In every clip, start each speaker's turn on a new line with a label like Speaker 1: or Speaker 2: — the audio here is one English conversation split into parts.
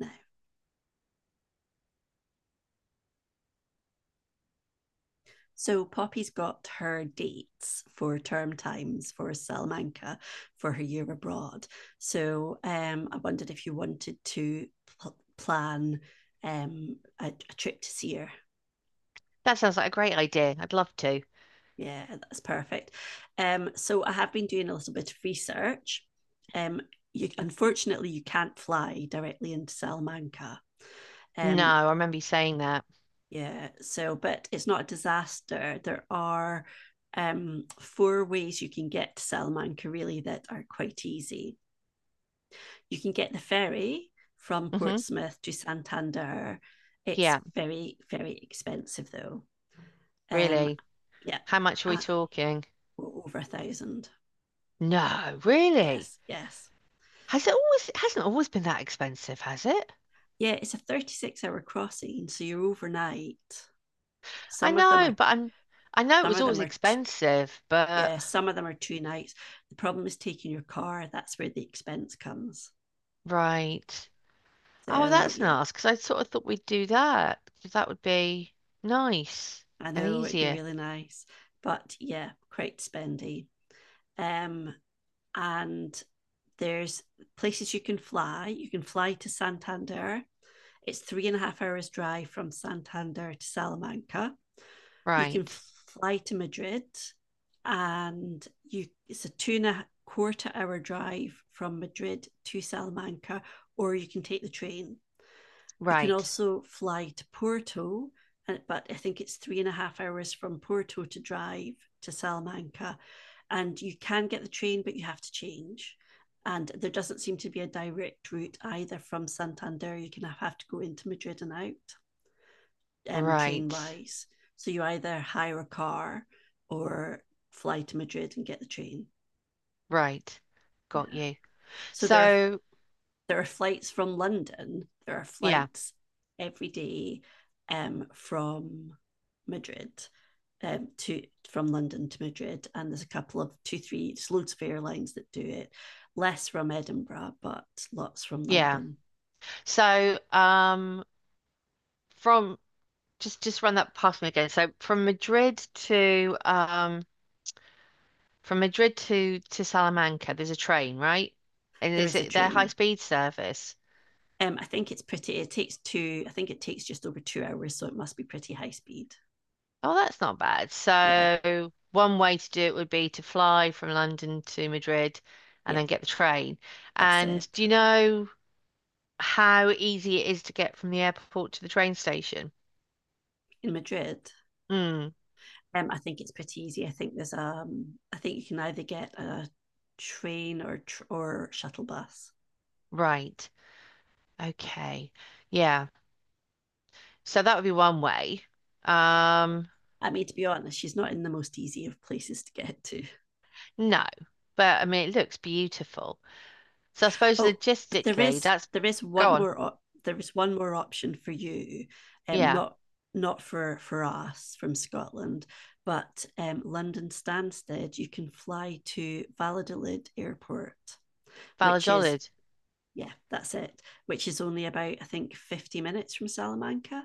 Speaker 1: Now, so Poppy's got her dates for term times for Salamanca for her year abroad. So I wondered if you wanted to plan a trip to see her.
Speaker 2: That sounds like a great idea. I'd love to.
Speaker 1: Yeah, that's perfect. So I have been doing a little bit of research. Um, you, unfortunately, you can't fly directly into Salamanca.
Speaker 2: No,
Speaker 1: Um,
Speaker 2: I remember you saying that.
Speaker 1: Yeah, so but it's not a disaster. There are four ways you can get to Salamanca really that are quite easy. You can get the ferry from
Speaker 2: Hmm.
Speaker 1: Portsmouth to Santander. It's
Speaker 2: Yeah,
Speaker 1: very, very expensive though. Um,
Speaker 2: really.
Speaker 1: yeah,
Speaker 2: How much are we
Speaker 1: uh,
Speaker 2: talking?
Speaker 1: Over 1,000.
Speaker 2: No, really.
Speaker 1: Yes, yes.
Speaker 2: Has it always it hasn't always been that expensive, has it?
Speaker 1: Yeah, it's a 36-hour crossing, so you're overnight.
Speaker 2: I
Speaker 1: Some of them are
Speaker 2: know, but I'm I know it
Speaker 1: some
Speaker 2: was
Speaker 1: of
Speaker 2: always
Speaker 1: them are t-
Speaker 2: expensive, but
Speaker 1: Yeah, some of them are 2 nights. The problem is taking your car. That's where the expense comes.
Speaker 2: right. Oh,
Speaker 1: So
Speaker 2: that's
Speaker 1: yeah,
Speaker 2: nice because I sort of thought we'd do that because that would be nice
Speaker 1: I
Speaker 2: and
Speaker 1: know it'd be
Speaker 2: easier.
Speaker 1: really nice, but yeah, quite spendy. Um, and there's places you can fly. You can fly to Santander. It's three and a half hours drive from Santander to Salamanca. You can
Speaker 2: Right.
Speaker 1: fly to Madrid, and you it's a 2 and a quarter hour drive from Madrid to Salamanca, or you can take the train. You can
Speaker 2: Right.
Speaker 1: also fly to Porto, but I think it's three and a half hours from Porto to drive to Salamanca. And you can get the train, but you have to change. And there doesn't seem to be a direct route either from Santander. You can have to go into Madrid and out train
Speaker 2: Right.
Speaker 1: wise. So you either hire a car or fly to Madrid and get the train.
Speaker 2: Right.
Speaker 1: Yeah.
Speaker 2: Got you.
Speaker 1: So
Speaker 2: So,
Speaker 1: there are flights from London. There are
Speaker 2: yeah.
Speaker 1: flights every day um, from Madrid um, to from London to Madrid, and there's a couple of there's loads of airlines that do it. Less from Edinburgh, but lots from
Speaker 2: Yeah.
Speaker 1: London.
Speaker 2: So, um, from just run that past me again. So from Madrid to from Madrid to Salamanca, there's a train, right? And
Speaker 1: There
Speaker 2: is
Speaker 1: is a
Speaker 2: it their high
Speaker 1: train.
Speaker 2: speed service?
Speaker 1: I think it's pretty. It takes two. I think it takes just over 2 hours, so it must be pretty high speed.
Speaker 2: Oh, that's not bad.
Speaker 1: Yeah,
Speaker 2: So one way to do it would be to fly from London to Madrid and
Speaker 1: yeah,
Speaker 2: then get the train.
Speaker 1: that's
Speaker 2: And
Speaker 1: it.
Speaker 2: do you know how easy it is to get from the airport to the train station?
Speaker 1: In Madrid,
Speaker 2: Mm,
Speaker 1: um, I think it's pretty easy. I think there's I think you can either get a train or shuttle bus.
Speaker 2: right. Okay. Yeah. So that would be one way. Um,
Speaker 1: I mean, to be honest, she's not in the most easy of places to get to.
Speaker 2: no, but I mean, it looks beautiful. So I suppose
Speaker 1: Oh,
Speaker 2: logistically, that's go on.
Speaker 1: there is one more option for you, um,
Speaker 2: Yeah,
Speaker 1: not not for us from Scotland, but London Stansted. You can fly to Valladolid Airport, which is
Speaker 2: Valladolid.
Speaker 1: yeah, that's it. Which is only about I think 50 minutes from Salamanca.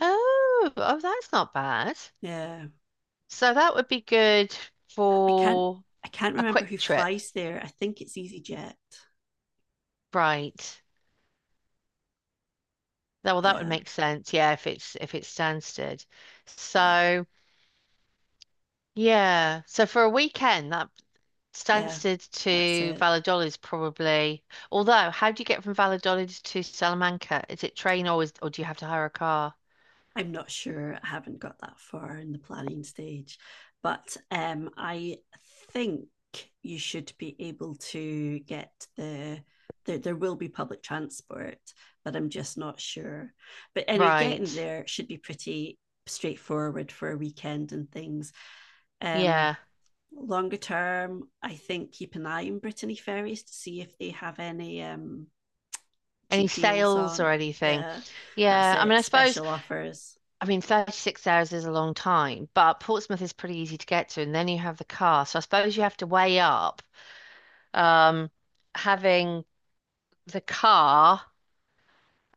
Speaker 2: Oh, oh, that's not bad.
Speaker 1: Yeah,
Speaker 2: So that would be good
Speaker 1: I can't
Speaker 2: for
Speaker 1: I can't
Speaker 2: a
Speaker 1: remember
Speaker 2: quick
Speaker 1: who
Speaker 2: trip,
Speaker 1: flies there. I think it's EasyJet.
Speaker 2: right? Well, that would
Speaker 1: Yeah,
Speaker 2: make sense. Yeah, if it's Stansted.
Speaker 1: yeah,
Speaker 2: So yeah, so for a weekend, that
Speaker 1: yeah.
Speaker 2: Stansted
Speaker 1: That's
Speaker 2: to
Speaker 1: it.
Speaker 2: Valladolid is probably, although how do you get from Valladolid to Salamanca? Is it train or is, or do you have to hire a car?
Speaker 1: I'm not sure. I haven't got that far in the planning stage, but I think you should be able to get there will be public transport, but I'm just not sure. But anyway,
Speaker 2: Right.
Speaker 1: getting there should be pretty straightforward for a weekend and things. Um,
Speaker 2: Yeah.
Speaker 1: Longer term, I think keep an eye on Brittany Ferries to see if they have any
Speaker 2: Any
Speaker 1: cheap deals
Speaker 2: sales
Speaker 1: on.
Speaker 2: or anything?
Speaker 1: Yeah, that's
Speaker 2: Yeah.
Speaker 1: it. Special offers.
Speaker 2: I mean, 36 hours is a long time, but Portsmouth is pretty easy to get to. And then you have the car. So I suppose you have to weigh up um, having the car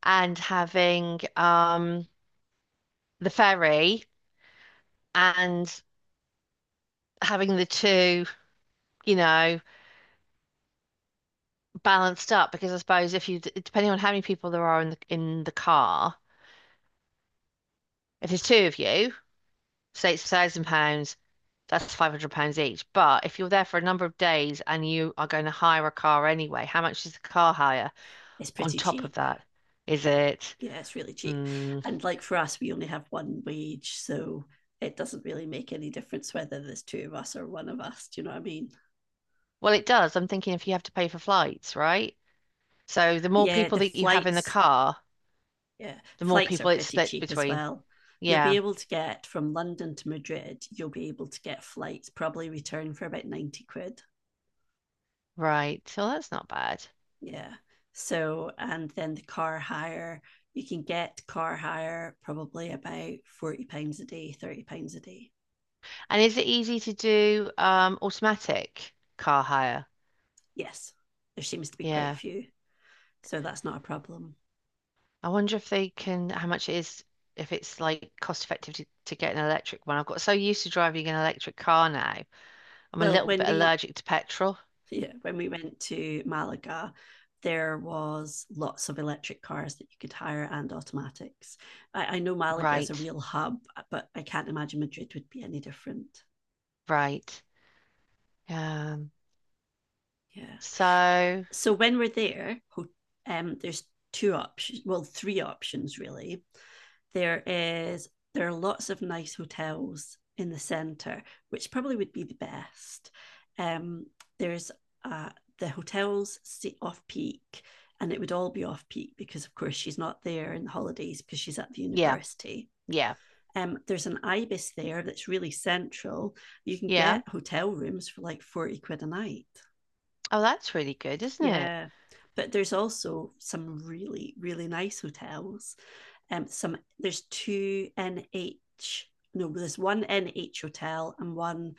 Speaker 2: and having the ferry and having the two, you know, balanced up because I suppose if you, depending on how many people there are in the car, if there's two of you, say it's £1,000, that's £500 each. But if you're there for a number of days and you are going to hire a car anyway, how much is the car hire
Speaker 1: It's
Speaker 2: on
Speaker 1: pretty
Speaker 2: top of
Speaker 1: cheap.
Speaker 2: that? Is it?
Speaker 1: Yeah, it's really cheap.
Speaker 2: Mm,
Speaker 1: And like for us, we only have one wage, so it doesn't really make any difference whether there's two of us or one of us. Do you know what I mean?
Speaker 2: well, it does. I'm thinking if you have to pay for flights, right? So the more
Speaker 1: Yeah,
Speaker 2: people that you have in the car,
Speaker 1: yeah,
Speaker 2: the more
Speaker 1: flights are
Speaker 2: people it's
Speaker 1: pretty
Speaker 2: split
Speaker 1: cheap as
Speaker 2: between.
Speaker 1: well. You'll be
Speaker 2: Yeah,
Speaker 1: able to get from London to Madrid, you'll be able to get flights probably return for about 90 quid.
Speaker 2: right. So that's not bad.
Speaker 1: Yeah. So, and then the car hire, you can get car hire probably about 40 pounds a day, 30 pounds a day.
Speaker 2: And is it easy to do automatic car hire?
Speaker 1: Yes. There seems to be quite a
Speaker 2: Yeah.
Speaker 1: few. So that's not a problem.
Speaker 2: I wonder if they can, how much it is, if it's like cost effective to get an electric one. I've got so used to driving an electric car now. I'm a
Speaker 1: Well,
Speaker 2: little
Speaker 1: when
Speaker 2: bit
Speaker 1: we
Speaker 2: allergic to petrol.
Speaker 1: yeah, when we went to Malaga, there was lots of electric cars that you could hire and automatics. I know Malaga is a
Speaker 2: Right,
Speaker 1: real hub, but I can't imagine Madrid would be any different.
Speaker 2: right. Um,
Speaker 1: Yeah.
Speaker 2: so
Speaker 1: So when we're there, there's two options, well, three options really. There is there are lots of nice hotels in the centre, which probably would be the best. Um, there's uh, the hotels sit off peak, and it would all be off peak because, of course, she's not there in the holidays because she's at the
Speaker 2: yeah,
Speaker 1: university.
Speaker 2: yeah,
Speaker 1: There's an ibis there that's really central. You can
Speaker 2: yeah.
Speaker 1: get hotel rooms for like 40 quid a night.
Speaker 2: Oh, that's really good, isn't it?
Speaker 1: Yeah. But there's also some really, really nice hotels. Some there's two NH, no, there's one NH hotel and one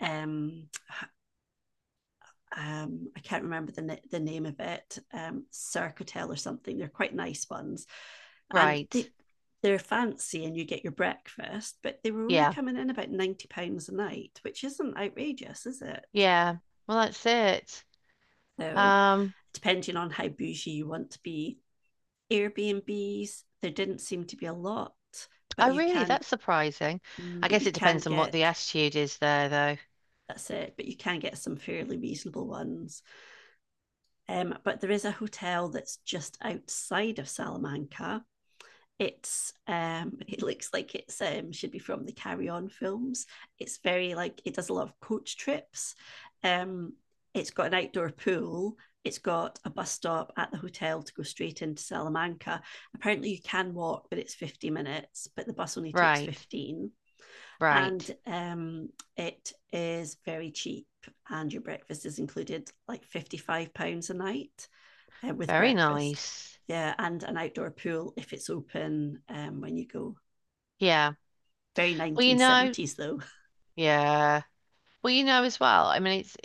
Speaker 1: um I can't remember the name of it, Cirque Hotel or something. They're quite nice ones. And
Speaker 2: Right.
Speaker 1: they're fancy and you get your breakfast, but they were only
Speaker 2: Yeah,
Speaker 1: coming in about £90 a night, which isn't outrageous, is it?
Speaker 2: yeah. Well, that's it.
Speaker 1: So
Speaker 2: Um,
Speaker 1: depending on how bougie you want to be, Airbnbs, there didn't seem to be a lot, but
Speaker 2: oh really, that's surprising. I
Speaker 1: but
Speaker 2: guess
Speaker 1: you
Speaker 2: it
Speaker 1: can
Speaker 2: depends on what
Speaker 1: get
Speaker 2: the attitude is there, though.
Speaker 1: that's it, but you can get some fairly reasonable ones. But there is a hotel that's just outside of Salamanca. It's it looks like it's should be from the Carry On films. It's very like it does a lot of coach trips. Um, it's got an outdoor pool. It's got a bus stop at the hotel to go straight into Salamanca. Apparently you can walk, but it's 50 minutes, but the bus only takes
Speaker 2: Right,
Speaker 1: 15. And
Speaker 2: right.
Speaker 1: it is very cheap and your breakfast is included, like 55 pounds a night with
Speaker 2: Very
Speaker 1: breakfast.
Speaker 2: nice.
Speaker 1: Yeah, and an outdoor pool if it's open when you go.
Speaker 2: Yeah.
Speaker 1: Very
Speaker 2: Well, you know,
Speaker 1: 1970s though.
Speaker 2: yeah. Well, you know as well. I mean, it's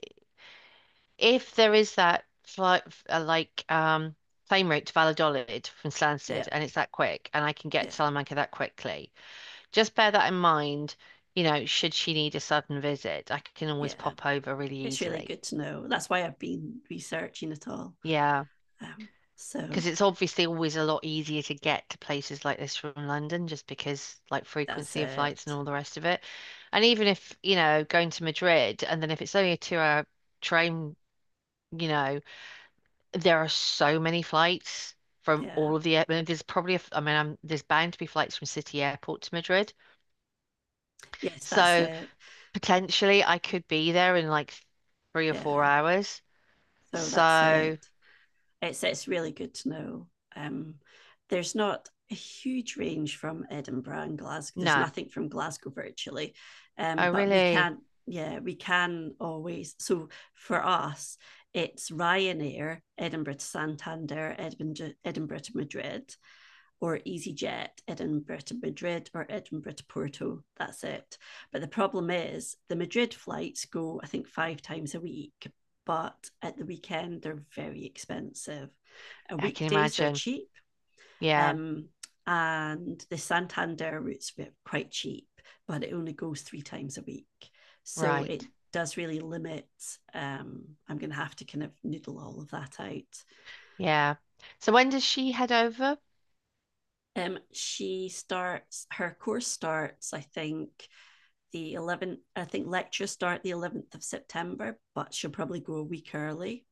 Speaker 2: if there is that flight, uh, like, um, plane route to Valladolid from Stansted,
Speaker 1: Yeah,
Speaker 2: and it's that quick, and I can get
Speaker 1: yeah,
Speaker 2: to Salamanca that quickly. Just bear that in mind. You know, should she need a sudden visit, I can always
Speaker 1: yeah.
Speaker 2: pop over really
Speaker 1: It's really
Speaker 2: easily.
Speaker 1: good to know. That's why I've been researching it all.
Speaker 2: Yeah.
Speaker 1: Um, so
Speaker 2: Because it's obviously always a lot easier to get to places like this from London, just because like
Speaker 1: that's
Speaker 2: frequency of flights and
Speaker 1: it.
Speaker 2: all the rest of it. And even if, you know, going to Madrid and then if it's only a 2 hour train, you know, there are so many flights from
Speaker 1: Yeah.
Speaker 2: all of the, I mean, there's bound to be flights from City Airport to Madrid.
Speaker 1: Yes, that's
Speaker 2: So
Speaker 1: it.
Speaker 2: potentially I could be there in like three or four
Speaker 1: Yeah.
Speaker 2: hours.
Speaker 1: So that's it.
Speaker 2: So
Speaker 1: It's really good to know. Um, there's not a huge range from Edinburgh and Glasgow. There's
Speaker 2: no,
Speaker 1: nothing from Glasgow virtually,
Speaker 2: I
Speaker 1: but we
Speaker 2: really,
Speaker 1: can yeah we can always. So for us, it's Ryanair, Edinburgh to Santander, Edinburgh to Madrid, or EasyJet, Edinburgh to Madrid or Edinburgh to Porto. That's it. But the problem is the Madrid flights go, I think, five times a week, but at the weekend, they're very expensive. A
Speaker 2: I can
Speaker 1: weekdays are
Speaker 2: imagine.
Speaker 1: cheap,
Speaker 2: Yeah,
Speaker 1: um, and the Santander routes are quite cheap, but it only goes three times a week. So it
Speaker 2: right.
Speaker 1: does really limit. I'm going to have to kind of noodle all of that out.
Speaker 2: Yeah. So when does she head over?
Speaker 1: She starts her course starts, I think, lectures start the 11th of September, but she'll probably go a week early.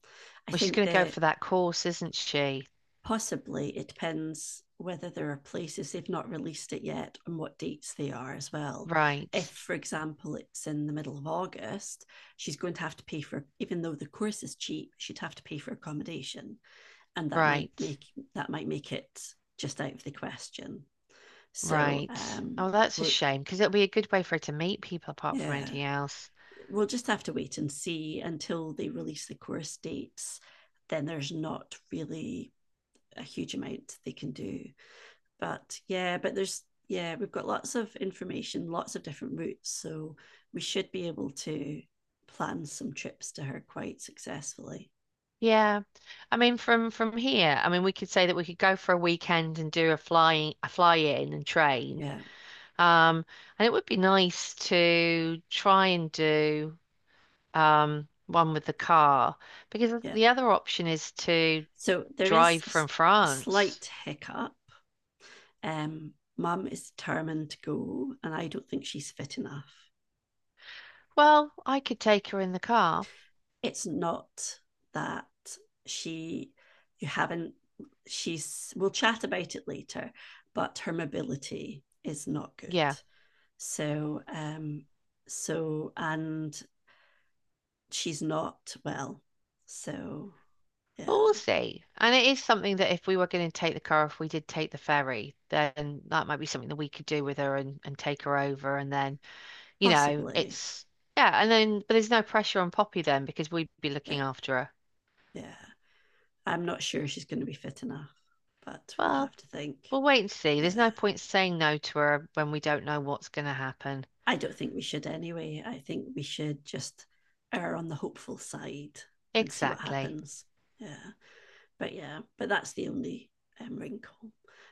Speaker 1: I
Speaker 2: Well, she's
Speaker 1: think
Speaker 2: going to go
Speaker 1: that
Speaker 2: for that course, isn't she?
Speaker 1: possibly it depends whether there are places. They've not released it yet and what dates they are as well.
Speaker 2: Right,
Speaker 1: If, for example, it's in the middle of August, she's going to have to pay for, even though the course is cheap, she'd have to pay for accommodation, and
Speaker 2: right,
Speaker 1: that might make it just out of the question. So,
Speaker 2: right. Oh, that's a
Speaker 1: but
Speaker 2: shame because it'll be a good way for her to meet people apart from
Speaker 1: yeah,
Speaker 2: anything else.
Speaker 1: we'll just have to wait and see until they release the course dates. Then there's not really a huge amount they can do. But yeah, but there's yeah, we've got lots of information, lots of different routes, so we should be able to plan some trips to her quite successfully.
Speaker 2: Yeah. I mean, from here, I mean, we could say that we could go for a weekend and do a fly in and train.
Speaker 1: Yeah,
Speaker 2: Um, and it would be nice to try and do one with the car because
Speaker 1: yeah.
Speaker 2: the other option is to
Speaker 1: So there
Speaker 2: drive
Speaker 1: is
Speaker 2: from
Speaker 1: a
Speaker 2: France.
Speaker 1: slight hiccup. Mum is determined to go, and I don't think she's fit enough.
Speaker 2: Well, I could take her in the car.
Speaker 1: It's not that she you haven't she's we'll chat about it later, but her mobility is not good,
Speaker 2: Yeah,
Speaker 1: so so and she's not well, so
Speaker 2: but we'll
Speaker 1: yeah.
Speaker 2: see. And it is something that if we were going to take the car, if we did take the ferry, then that might be something that we could do with her and take her over. And then, you know,
Speaker 1: Possibly.
Speaker 2: it's, yeah. And then, but there's no pressure on Poppy then because we'd be
Speaker 1: Yeah,
Speaker 2: looking after her.
Speaker 1: yeah, I'm not sure she's going to be fit enough, but we'll
Speaker 2: Well,
Speaker 1: have to think.
Speaker 2: we'll wait and see.
Speaker 1: Yeah,
Speaker 2: There's no point saying no to her when we don't know what's going to happen.
Speaker 1: I don't think we should anyway. I think we should just err on the hopeful side and see what
Speaker 2: Exactly.
Speaker 1: happens. Yeah, yeah, but that's the only wrinkle.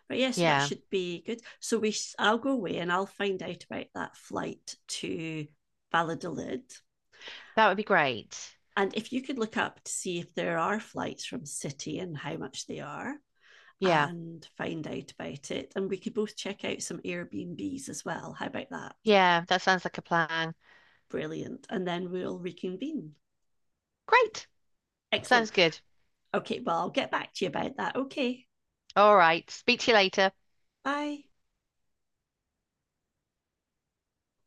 Speaker 1: But yeah, so that
Speaker 2: Yeah,
Speaker 1: should be good. So we, I I'll go away and I'll find out about that flight to Valladolid.
Speaker 2: that would be great.
Speaker 1: And if you could look up to see if there are flights from City and how much they are,
Speaker 2: Yeah,
Speaker 1: and find out about it. And we could both check out some Airbnbs as well. How about that?
Speaker 2: yeah, that sounds like a plan.
Speaker 1: Brilliant. And then we'll reconvene.
Speaker 2: Great.
Speaker 1: Excellent.
Speaker 2: Sounds good.
Speaker 1: Okay, well, I'll get back to you about that. Okay,
Speaker 2: All right. Speak to you later.
Speaker 1: bye.